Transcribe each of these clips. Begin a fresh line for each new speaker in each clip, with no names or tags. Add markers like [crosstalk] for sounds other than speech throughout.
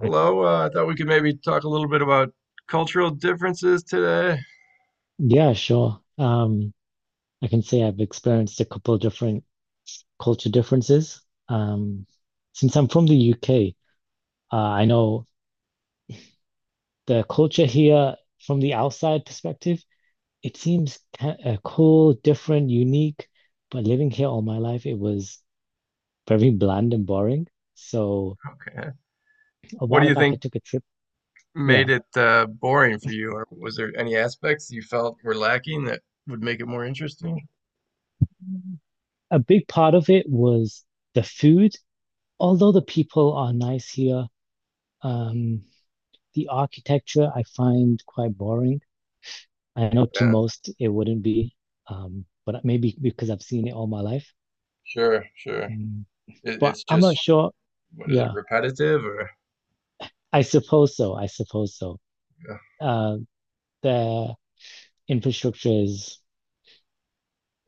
Hello, I thought we could maybe talk a little bit about cultural differences today.
Yeah, sure. I can say I've experienced a couple of different culture differences. Um, since I'm from the UK, I know the culture here from the outside perspective, it seems ki cool, different, unique, but living here all my life, it was very bland and boring. So
Okay.
a
What do
while
you
back, I
think
took a trip. Yeah.
made it boring for you, or was there any aspects you felt were lacking that would make it more interesting?
A big part of it was the food. Although the people are nice here, um, the architecture I find quite boring. I know to
Yeah,
most it wouldn't be, but maybe because I've seen it all my life.
sure, sure.
Mm,
It,
But
it's
I'm
just,
not sure.
what is it,
Yeah,
repetitive or
I suppose so. I suppose so.
yeah.
Uh, their infrastructure is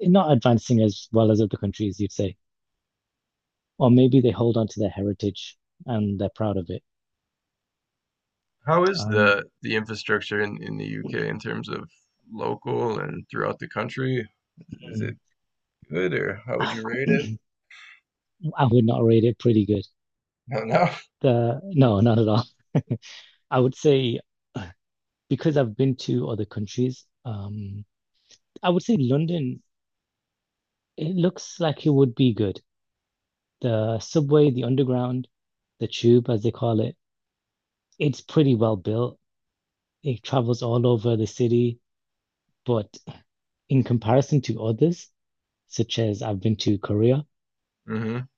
not advancing as well as other countries, you'd say. Or maybe they hold on to their heritage and they're proud of it.
How is
Um,
the infrastructure in the UK in terms of local and throughout the country? Is it good, or how
[clears throat]
would you rate it?
I would not rate it pretty good.
[laughs] No, no.
No, not at all. I would say because I've been to other countries, I would say London, it looks like it would be good. The subway, the underground, the tube, as they call it, it's pretty well built. It travels all over the city, but in comparison to others, such as I've been to Korea,
Mm-hmm. [laughs]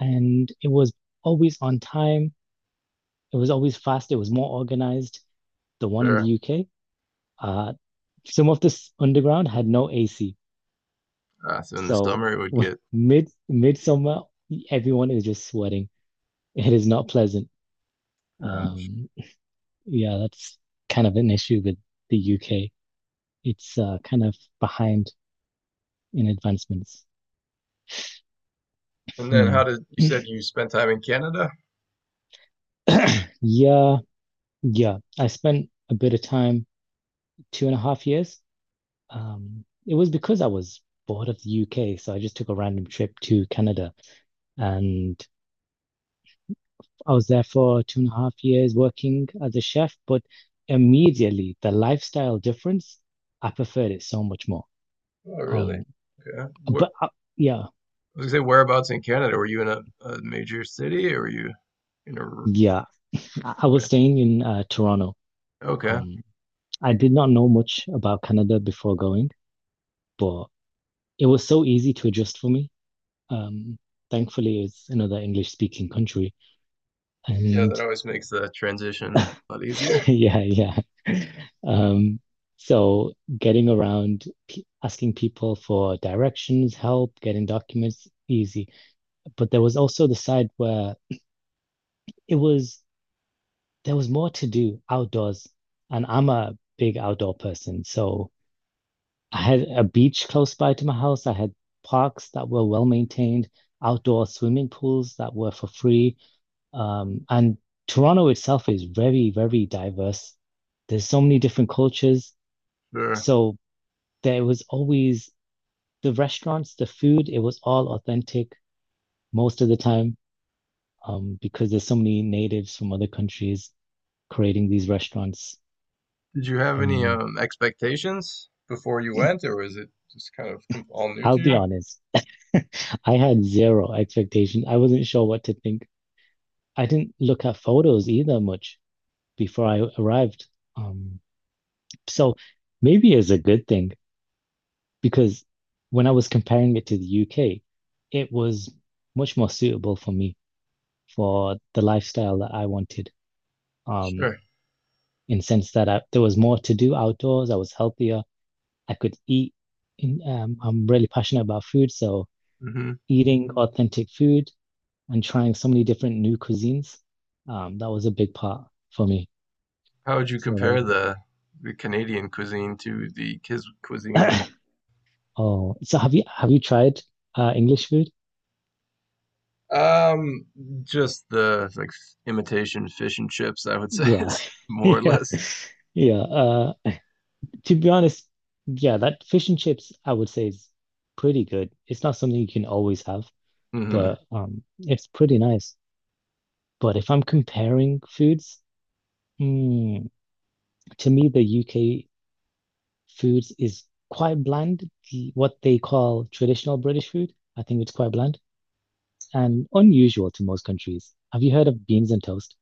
and it was always on time. It was always fast. It was more organized. The one in the
Sure.
UK, uh, some of this underground had no AC.
So in the
So
summer it would get
[laughs] mid midsummer, everyone is just sweating. It is not pleasant.
uh,
Um, yeah, that's kind of an issue with the UK. It's kind of behind in advancements.
and then
Hmm.
how
[clears throat]
did you said you spent time in Canada?
Yeah, yeah. I spent a bit of time, two and a half years. It was because I was bored of the UK, so I just took a random trip to Canada, and I was there for two and a half years working as a chef. But immediately, the lifestyle difference, I preferred it so much more.
Oh, really?
Um,
Okay. What
but I, yeah.
I was gonna say, whereabouts in Canada? Were you in a major city, or were you in a
Yeah, I
okay.
was staying in Toronto.
Okay.
Um, I did not know much about Canada before going, but it was so easy to adjust for me. Um, Thankfully, it's another English speaking country.
Yeah, that
And
always makes the transition a lot easier.
[laughs] yeah, yeah. Um, so getting around, p asking people for directions, help, getting documents, easy. But there was also the side where it was, there was more to do outdoors. And I'm a big outdoor person. So I had a beach close by to my house. I had parks that were well maintained, outdoor swimming pools that were for free. And Toronto itself is very, very diverse. There's so many different cultures.
Sure.
So there was always the restaurants, the food, it was all authentic most of the time, because there's so many natives from other countries creating these restaurants.
Did you have any
Um,
expectations before you went, or was it just kind of com all new
I'll
to you?
be honest, [laughs] I had zero expectation. I wasn't sure what to think. I didn't look at photos either much before I arrived. Um, so maybe it's a good thing because when I was comparing it to the UK, it was much more suitable for me for the lifestyle that I wanted. Um,
Sure.
in sense there was more to do outdoors, I was healthier, I could eat. I'm really passionate about food, so
Hmm.
eating authentic food and trying so many different new cuisines, that was a big part for me.
How would you
So that was
compare the Canadian cuisine to the kids cuisine in
good.
the,
[clears throat] [coughs] Oh, so have you tried English food?
um, just the like imitation fish and chips, I would say, [laughs]
Yeah,
is
[laughs]
more or
yeah,
less.
yeah. To be honest, yeah, that fish and chips I would say is pretty good. It's not something you can always have,
Hmm.
but it's pretty nice. But if I'm comparing foods, mm, to me the UK foods is quite bland. What they call traditional British food, I think it's quite bland and unusual to most countries. Have you heard of beans and toast?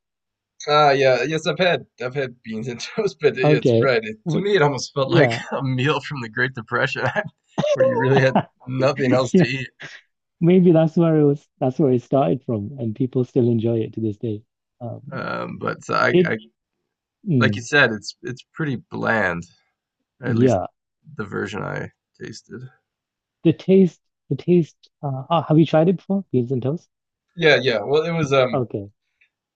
Ah, yeah, yes, I've had beans and [laughs] toast, but yeah, it's
Okay.
right. It, to
w-
me, it almost felt like
Yeah,
[laughs] a meal from the Great Depression, [laughs] where you really had
[laughs]
nothing else to
yeah,
eat.
maybe that's where it was, that's where it started from, and people still enjoy it to this day. Um,
But so
it,
I, like you
mm,
said, it's pretty bland, at least
yeah,
the version I tasted.
the taste, the taste. Have you tried it before? Beans and toast?
Yeah, yeah. Well, it was
Okay,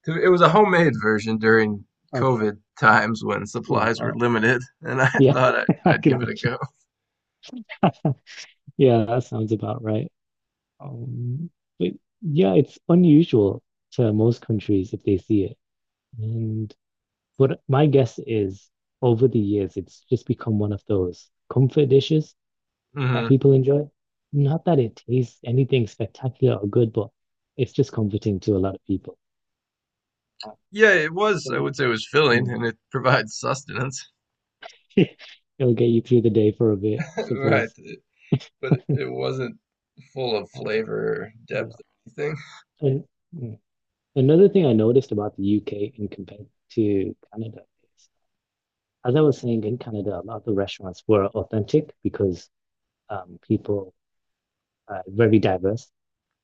it was a homemade version during
okay,
COVID times when
yeah,
supplies were limited, and I [laughs]
yeah, [laughs] I
I'd
can
give it a
imagine.
go.
[laughs] Yeah, that sounds about right. Um, but yeah, it's unusual to most countries if they see it. And but my guess is over the years, it's just become one of those comfort dishes that
Hmm.
people enjoy. Not that it tastes anything spectacular or good, but it's just comforting to a lot of people. Um,
Yeah, it was. I
So,
would say it was filling,
mm,
and it provides sustenance.
[laughs] it'll get you through the day for a bit, I
[laughs] Right,
suppose.
but it wasn't full of
Um,
flavor or
yeah.
depth or anything.
And mm, another thing I noticed about the UK in compared to Canada is, as I was saying, in Canada, a lot of the restaurants were authentic because people are very diverse.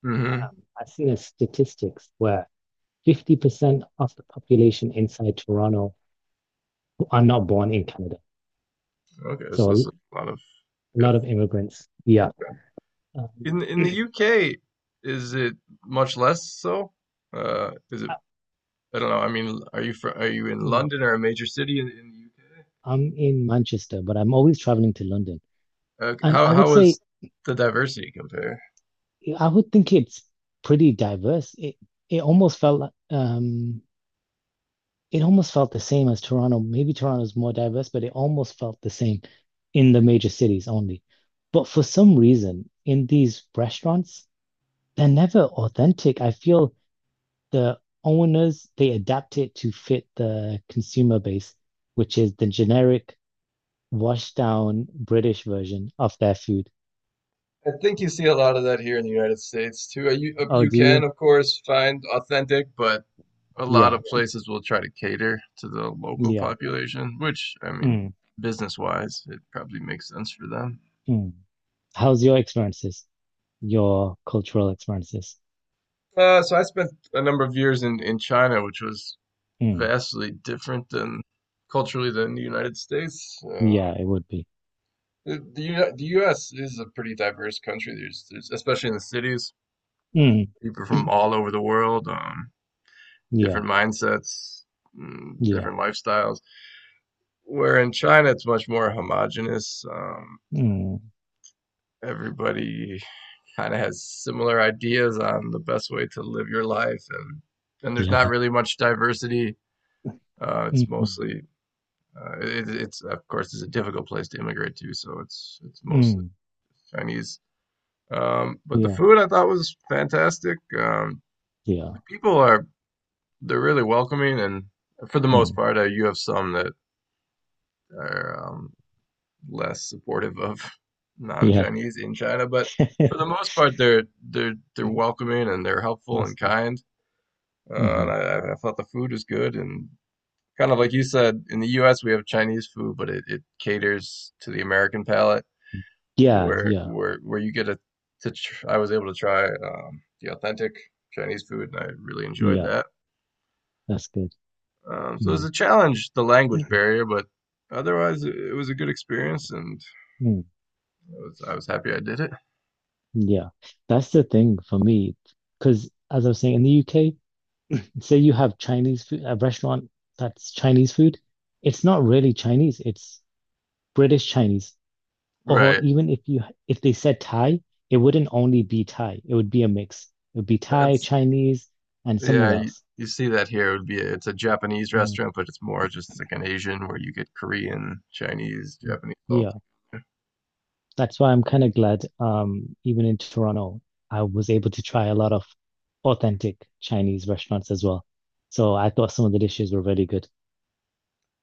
Hmm.
I've seen a statistics where 50% of the population inside Toronto are not born in Canada.
Okay,
So
so
a
that's a lot of if.
lot of immigrants. Yeah. Um,
In the UK, is it much less so? Is
I,
it? I don't know. I mean, are you fr are you in
mm,
London or a major city in the UK?
I'm in Manchester, but I'm always traveling to London.
Okay.
And I would
How
say,
was the diversity compare?
I would think it's pretty diverse. It almost felt like, it almost felt the same as Toronto. Maybe Toronto's more diverse, but it almost felt the same in the major cities only. But for some reason, in these restaurants, they're never authentic. I feel the owners they adapt it to fit the consumer base, which is the generic washed down British version of their food.
I think you see a lot of that here in the United States too.
Oh,
You
do you?
can of course find authentic, but a lot
Yeah,
of places will try to cater to the local
yeah.
population, which, I mean,
Mm,
business wise, it probably makes sense for them.
mm. How's your experiences? Your cultural experiences?
So I spent a number of years in China, which was
Mm,
vastly different than culturally than the United States.
yeah, it would be.
The U.S. is a pretty diverse country. There's, especially in the cities,
Mm,
people from all over the world,
yeah,
different mindsets, mm,
yeah.
different lifestyles. Where in China, it's much more homogenous.
Mm,
Everybody kind of has similar ideas on the best way to live your life, and there's not
yeah.
really much diversity. Uh, it's
Mm,
mostly it's, of course, it's a difficult place to immigrate to, so it's mostly
mm,
Chinese. But the
yeah,
food I thought was fantastic.
yeah.
The people are they're really welcoming, and for the most
Mm,
part, you have some that are, less supportive of [laughs]
yeah.
non-Chinese in China, but for the
[laughs]
most part, they're they're welcoming, and they're helpful
That's
and
good.
kind.
Hmm.
I thought the food was good and kind of like you said, in the U.S. we have Chinese food, but it caters to the American palate,
Yeah,
where
yeah,
where you get a to tr I was able to try, the authentic Chinese food, and I really enjoyed
yeah.
that.
That's good.
So it was
Mm,
a challenge, the language barrier, but otherwise it was a good experience, and
mm.
I was happy I did it.
Yeah, that's the thing for me. Because as I was saying, in the UK, say you have Chinese food, a restaurant that's Chinese food, it's not really Chinese, it's British Chinese. Or
Right.
even if you if they said Thai, it wouldn't only be Thai, it would be a mix. It would be Thai,
That's
Chinese, and something
yeah.
else.
You see that here. It would be it's a Japanese
Mm.
restaurant, but it's more just like an Asian where you get Korean, Chinese, Japanese all
Yeah,
together.
that's why I'm kind of glad, even in Toronto, I was able to try a lot of authentic Chinese restaurants as well. So I thought some of the dishes were really good.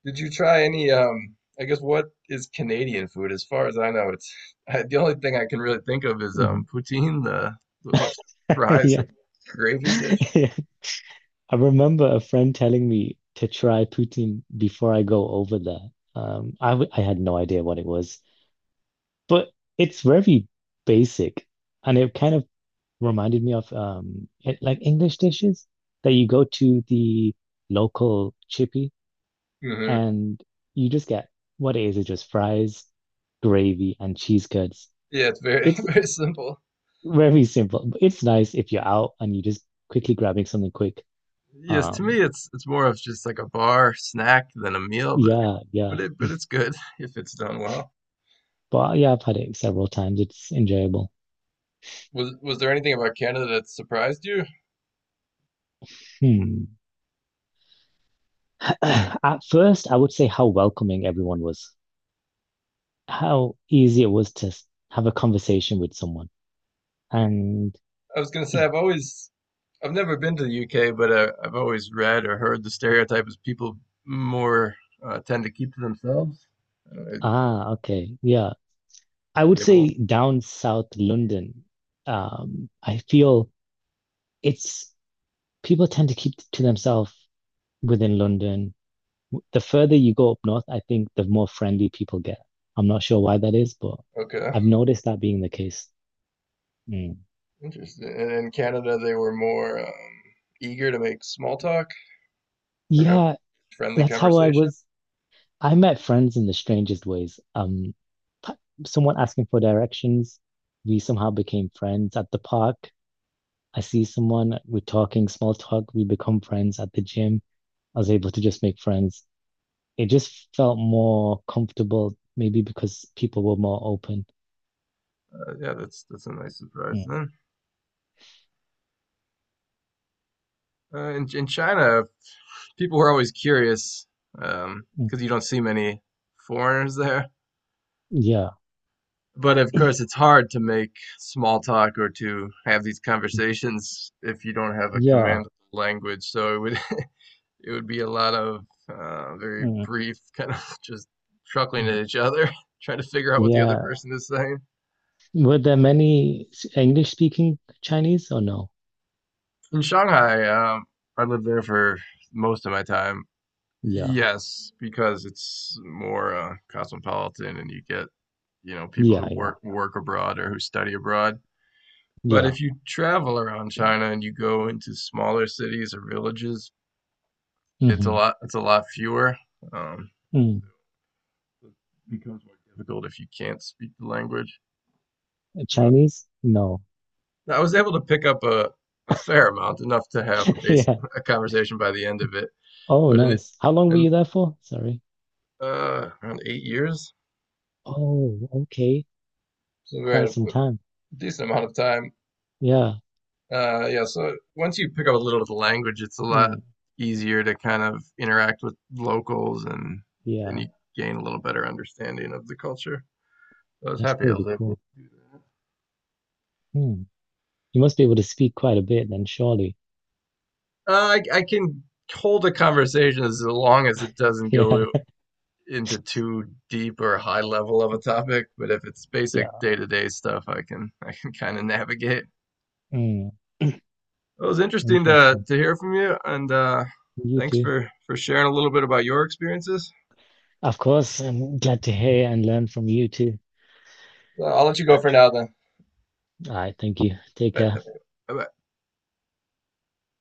Did you try any? I guess, what is Canadian food? As far as I know, it's the only thing I can really think of is,
Mm-hmm.
um, poutine, the little [laughs]
[laughs]
fries
Yeah.
and gravy dish.
[laughs] Yeah. I remember a friend telling me to try poutine before I go over there. I had no idea what it was, but it's very basic, and it kind of reminded me of like English dishes that you go to the local chippy
Hmm.
and you just get what it is. It's just fries, gravy, and cheese curds.
Yeah, it's very [laughs]
It's
very simple.
very simple. But It's nice if you're out and you're just quickly grabbing something quick.
Yes, to
Um,
me it's more of just like a bar snack than a meal,
Yeah, yeah.
but it but it's good [laughs] if it's done well.
But yeah, I've had it several times. It's enjoyable.
Was there anything about Canada that surprised you?
Hmm. [clears throat] At first, I would say how welcoming everyone was, how easy it was to have a conversation with someone. And
I was gonna say I've always I've never been to the UK, but I've always read or heard the stereotype is people more, tend to keep to themselves. Are
ah, okay, yeah. I would
they more
say down south London, I feel it's people tend to keep to themselves within London. The further you go up north, I think the more friendly people get. I'm not sure why that is, but
okay,
I've noticed that being the case. Mm.
interesting. And in Canada, they were more, eager to make small talk or have
Yeah,
friendly
that's how I
conversations.
was. I met friends in the strangest ways. P- Someone asking for directions, we somehow became friends at the park. I see someone, we're talking small talk, we become friends at the gym. I was able to just make friends. It just felt more comfortable, maybe because people were more open.
Yeah, that's a nice surprise
Mm,
then. In China, people were always curious because
mm.
'cause you don't see many foreigners there.
Yeah,
But of course, it's hard to make small talk or to have these conversations if you don't have a
yeah,
command of the language. So it would [laughs] it would be a lot of, very
mm,
brief [laughs] kind of just chuckling
mm,
at each other, [laughs] trying to figure out what the other
yeah.
person is saying.
Were there many English speaking Chinese or no?
In Shanghai, I lived there for most of my time.
Yeah,
Yes, because it's more, cosmopolitan and you get, you know, people
yeah,
who
yeah,
work abroad or who study abroad. But
yeah.
if you travel around China and you go into smaller cities or villages, it's a
Hmm.
lot fewer. Um, it becomes more difficult if you can't speak the language. Uh,
Chinese? No.
I was able to pick up a fair amount, enough to have a
[laughs]
base
Yeah.
[laughs] a conversation by the end of it.
Oh,
But in it,
nice. How long were
in
you there for? Sorry.
around 8 years,
Oh, okay.
so we had
Quite
a
some time.
decent amount of time.
Yeah.
Yeah, so once you pick up a little of the language, it's a lot
Mm,
easier to kind of interact with locals and
yeah.
you gain a little better understanding of the culture. I was
That's
happy I
pretty
was able.
cool. Hmm. You must be able to speak quite a bit then, surely.
I can hold a conversation as long as it
[laughs]
doesn't
Yeah.
go into too deep or high level of a topic, but if it's basic
Yeah.
day-to-day stuff, I can [laughs] I can kind of navigate.
Mm,
It was interesting
interesting.
to hear from you, and
You
thanks
too.
for sharing a little bit about your experiences.
Of course, I'm glad to hear and learn from you too.
I'll let you go for now then.
All right. Thank you. Take
Bye.
care.
Uh,